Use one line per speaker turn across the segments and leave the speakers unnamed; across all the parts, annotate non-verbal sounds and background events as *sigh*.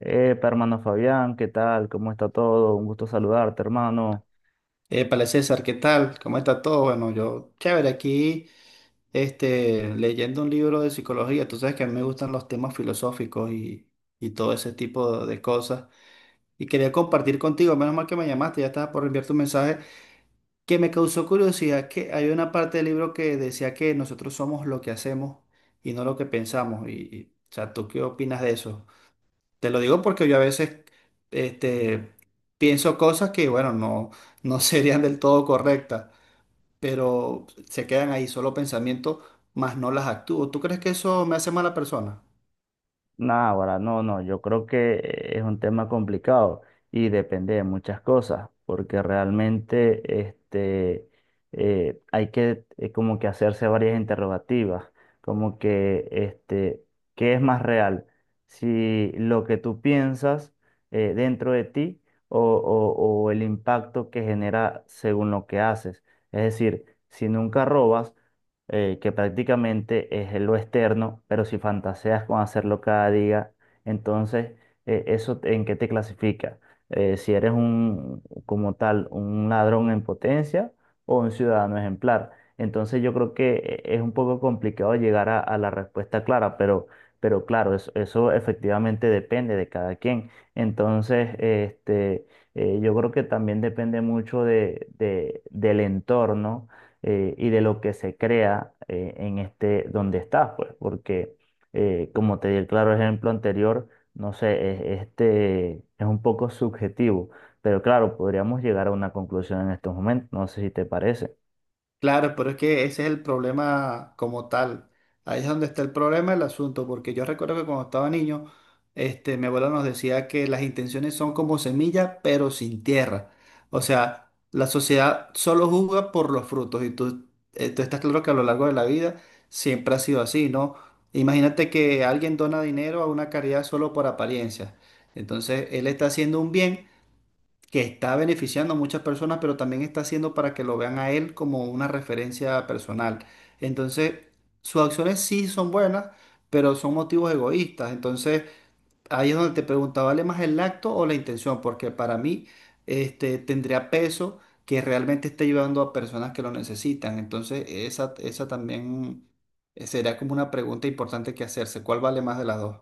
Epa, hermano Fabián, ¿qué tal? ¿Cómo está todo? Un gusto saludarte, hermano.
Épale, César, ¿qué tal? ¿Cómo está todo? Bueno, yo, chévere, aquí leyendo un libro de psicología. Tú sabes que a mí me gustan los temas filosóficos y todo ese tipo de cosas. Y quería compartir contigo, menos mal que me llamaste, ya estaba por enviar tu mensaje, que me causó curiosidad que hay una parte del libro que decía que nosotros somos lo que hacemos y no lo que pensamos. O sea, ¿tú qué opinas de eso? Te lo digo porque yo a veces este, pienso cosas que, bueno, no *laughs* serían del todo correctas, pero se quedan ahí solo pensamientos, más no las actúo. ¿Tú crees que eso me hace mala persona?
Nah, ahora no, no, yo creo que es un tema complicado y depende de muchas cosas, porque realmente hay que como que hacerse varias interrogativas, como que este, ¿qué es más real? Si lo que tú piensas dentro de ti o el impacto que genera según lo que haces. Es decir, si nunca robas, que prácticamente es lo externo, pero si fantaseas con hacerlo cada día, entonces en qué te clasifica. Si eres un, como tal, un ladrón en potencia o un ciudadano ejemplar. Entonces yo creo que es un poco complicado llegar a la respuesta clara, pero claro, eso efectivamente depende de cada quien. Entonces, yo creo que también depende mucho del entorno y de lo que se crea en este donde estás, pues, porque como te di el claro ejemplo anterior, no sé, este es un poco subjetivo, pero claro, podríamos llegar a una conclusión en estos momentos, no sé si te parece.
Claro, pero es que ese es el problema como tal. Ahí es donde está el problema del asunto, porque yo recuerdo que cuando estaba niño, mi abuelo nos decía que las intenciones son como semilla, pero sin tierra. O sea, la sociedad solo juzga por los frutos y tú, tú estás claro que a lo largo de la vida siempre ha sido así, ¿no? Imagínate que alguien dona dinero a una caridad solo por apariencia. Entonces, él está haciendo un bien que está beneficiando a muchas personas, pero también está haciendo para que lo vean a él como una referencia personal. Entonces, sus acciones sí son buenas, pero son motivos egoístas. Entonces, ahí es donde te pregunta, ¿vale más el acto o la intención? Porque para mí, tendría peso que realmente esté ayudando a personas que lo necesitan. Entonces, esa también sería como una pregunta importante que hacerse. ¿Cuál vale más de las dos?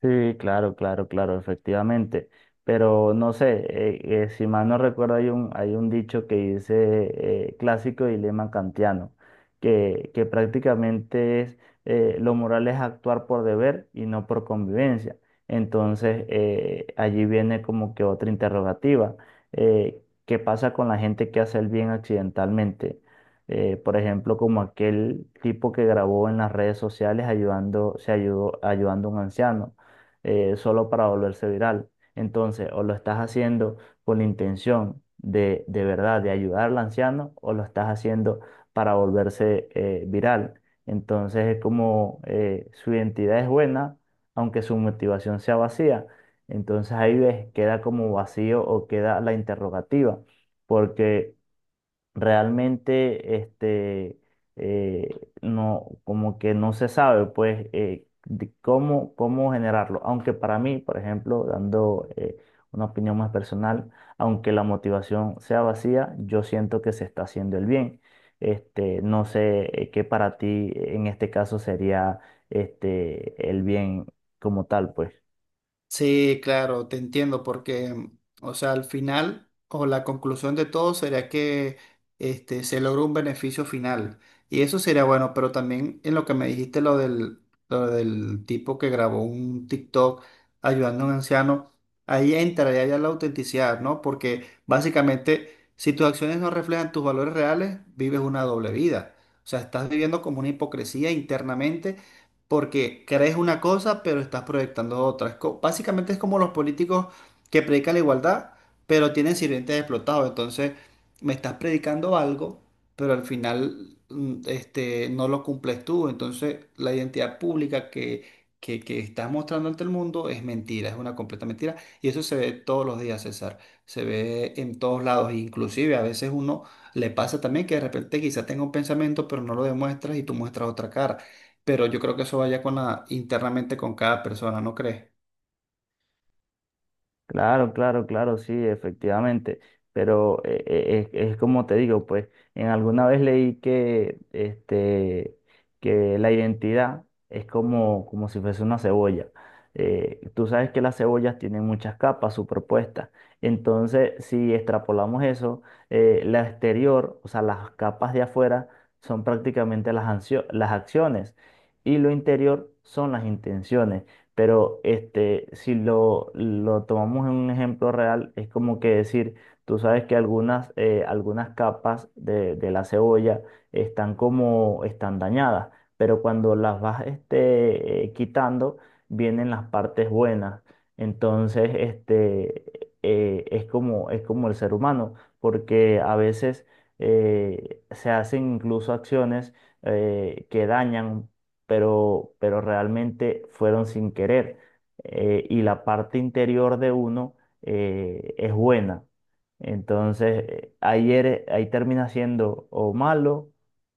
Sí, claro, claro, claro, efectivamente. Pero no sé, si mal no recuerdo, hay un dicho que dice clásico dilema kantiano, que prácticamente es lo moral es actuar por deber y no por convivencia. Entonces, allí viene como que otra interrogativa. ¿Qué pasa con la gente que hace el bien accidentalmente? Por ejemplo, como aquel tipo que grabó en las redes sociales ayudando, se ayudó, ayudando a un anciano solo para volverse viral. Entonces, o lo estás haciendo con la intención de verdad, de ayudar al anciano, o lo estás haciendo para volverse viral. Entonces, es como su identidad es buena, aunque su motivación sea vacía. Entonces, ahí ves, queda como vacío o queda la interrogativa, porque realmente eh, no, como que no se sabe, pues, de cómo, cómo generarlo. Aunque para mí, por ejemplo, dando una opinión más personal, aunque la motivación sea vacía, yo siento que se está haciendo el bien. No sé qué para ti en este caso sería este, el bien como tal, pues.
Sí, claro, te entiendo, porque, o sea, al final o la conclusión de todo sería que se logra un beneficio final. Y eso sería bueno, pero también en lo que me dijiste, lo del tipo que grabó un TikTok ayudando a un anciano, ahí entraría ya la autenticidad, ¿no? Porque básicamente, si tus acciones no reflejan tus valores reales, vives una doble vida. O sea, estás viviendo como una hipocresía internamente porque crees una cosa, pero estás proyectando otra. Básicamente es como los políticos que predican la igualdad, pero tienen sirvientes explotados. Entonces, me estás predicando algo, pero al final no lo cumples tú. Entonces, la identidad pública que estás mostrando ante el mundo es mentira, es una completa mentira. Y eso se ve todos los días, César. Se ve en todos lados. Inclusive a veces uno le pasa también que de repente quizás tenga un pensamiento, pero no lo demuestras y tú muestras otra cara, pero yo creo que eso vaya con la, internamente con cada persona, ¿no crees?
Claro, claro, claro, sí, efectivamente. Pero es como te digo, pues, en alguna vez leí que, este, que la identidad es como, como si fuese una cebolla. Tú sabes que las cebollas tienen muchas capas superpuestas. Entonces, si extrapolamos eso, la exterior, o sea, las capas de afuera son prácticamente las, las acciones y lo interior son las intenciones. Pero este, si lo, lo tomamos en un ejemplo real, es como que decir, tú sabes que algunas, algunas capas de la cebolla están como, están dañadas, pero cuando las vas quitando, vienen las partes buenas. Entonces, es como el ser humano, porque a veces se hacen incluso acciones que dañan pero realmente fueron sin querer. Y la parte interior de uno es buena. Entonces, ayer, ahí, ahí termina siendo o malo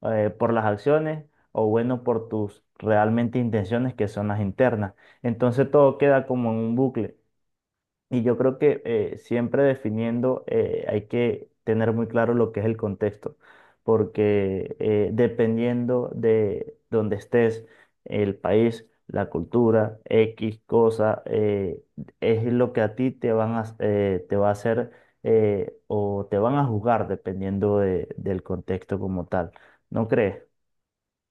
por las acciones o bueno por tus realmente intenciones que son las internas. Entonces todo queda como en un bucle. Y yo creo que siempre definiendo hay que tener muy claro lo que es el contexto, porque dependiendo de donde estés, el país, la cultura, X cosa, es lo que a ti te van a, te va a hacer o te van a juzgar dependiendo del contexto como tal. ¿No crees?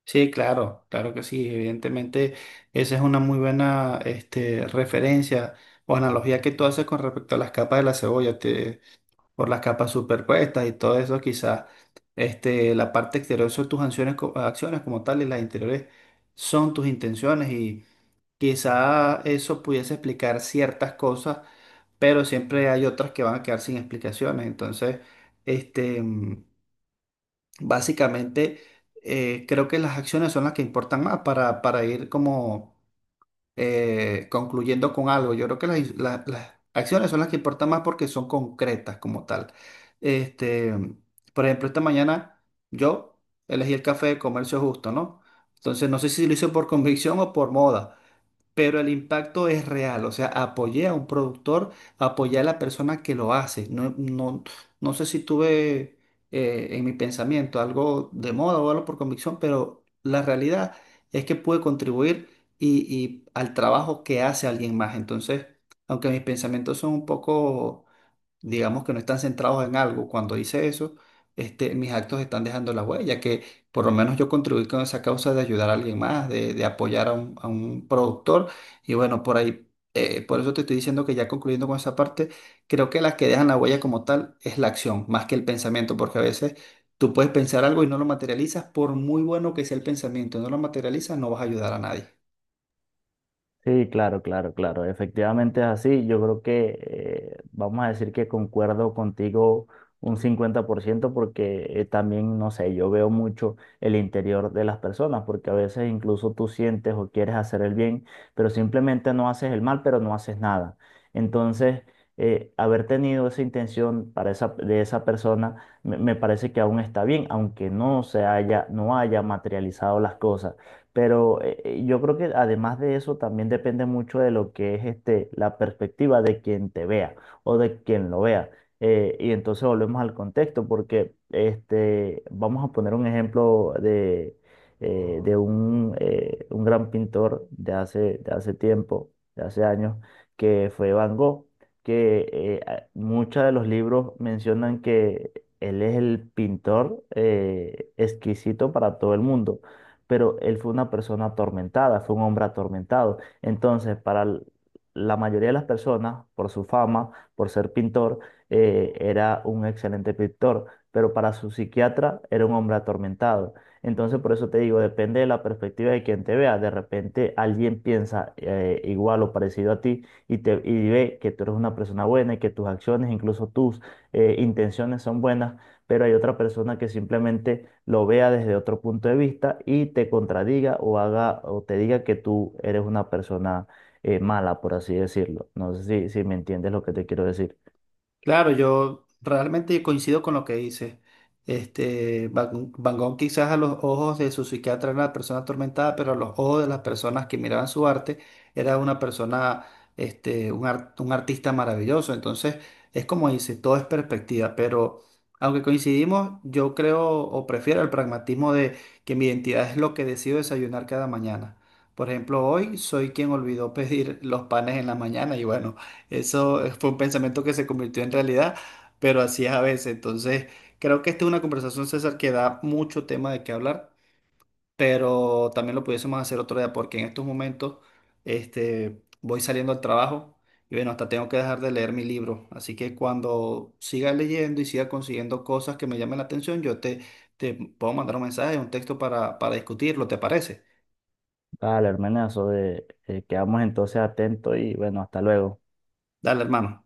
Sí, claro, claro que sí. Evidentemente, esa es una muy buena referencia o analogía que tú haces con respecto a las capas de la cebolla, por las capas superpuestas y todo eso, quizás la parte exterior son tus acciones, acciones como tal y las interiores son tus intenciones y quizás eso pudiese explicar ciertas cosas, pero siempre hay otras que van a quedar sin explicaciones. Entonces, este... mm, básicamente, creo que las acciones son las que importan más para ir como concluyendo con algo. Yo creo que las acciones son las que importan más porque son concretas como tal. Este, por ejemplo, esta mañana yo elegí el café de comercio justo, ¿no? Entonces, no sé si lo hice por convicción o por moda, pero el impacto es real. O sea, apoyé a un productor, apoyé a la persona que lo hace. No, no sé si tuve en mi pensamiento algo de moda o algo por convicción, pero la realidad es que pude contribuir y al trabajo que hace alguien más. Entonces, aunque mis pensamientos son un poco, digamos, que no están centrados en algo. Cuando hice eso, mis actos están dejando la huella, que por lo menos yo contribuí con esa causa de ayudar a alguien más, de apoyar a a un productor. Y bueno, por ahí, por eso te estoy diciendo que ya concluyendo con esa parte, creo que las que dejan la huella como tal es la acción, más que el pensamiento, porque a veces tú puedes pensar algo y no lo materializas, por muy bueno que sea el pensamiento, no lo materializas, no vas a ayudar a nadie.
Sí, claro, claro, claro. Efectivamente es así. Yo creo que vamos a decir que concuerdo contigo un 50% porque también, no sé, yo veo mucho el interior de las personas porque a veces incluso tú sientes o quieres hacer el bien, pero simplemente no haces el mal, pero no haces nada. Entonces, haber tenido esa intención para esa, de esa persona me parece que aún está bien, aunque no se haya, no haya materializado las cosas. Pero yo creo que además de eso también depende mucho de lo que es este, la perspectiva de quien te vea o de quien lo vea. Y entonces volvemos al contexto porque este, vamos a poner un ejemplo de un gran pintor de hace tiempo, de hace años, que fue Van Gogh, que muchos de los libros mencionan que él es el pintor exquisito para todo el mundo pero él fue una persona atormentada, fue un hombre atormentado. Entonces, la mayoría de las personas, por su fama, por ser pintor, era un excelente pintor, pero para su psiquiatra era un hombre atormentado. Entonces, por eso te digo, depende de la perspectiva de quien te vea. De repente alguien piensa igual o parecido a ti y y ve que tú eres una persona buena y que tus acciones, incluso tus intenciones son buenas, pero hay otra persona que simplemente lo vea desde otro punto de vista y te contradiga o haga o te diga que tú eres una persona mala, por así decirlo. No sé si, si me entiendes lo que te quiero decir.
Claro, yo realmente coincido con lo que dices. Van Gogh quizás a los ojos de su psiquiatra era una persona atormentada, pero a los ojos de las personas que miraban su arte era una persona, un artista maravilloso. Entonces, es como dice, todo es perspectiva, pero aunque coincidimos, yo creo o prefiero el pragmatismo de que mi identidad es lo que decido desayunar cada mañana. Por ejemplo, hoy soy quien olvidó pedir los panes en la mañana y bueno. Eso fue un pensamiento que se convirtió en realidad, pero así es a veces. Entonces, creo que esta es una conversación, César, que da mucho tema de qué hablar, pero también lo pudiésemos hacer otro día, porque en estos momentos, voy saliendo al trabajo y bueno, hasta tengo que dejar de leer mi libro. Así que cuando siga leyendo y siga consiguiendo cosas que me llamen la atención, te puedo mandar un mensaje, un texto para discutirlo, ¿te parece?
Vale, hermanazo, quedamos entonces atentos y bueno, hasta luego.
Dale, hermano.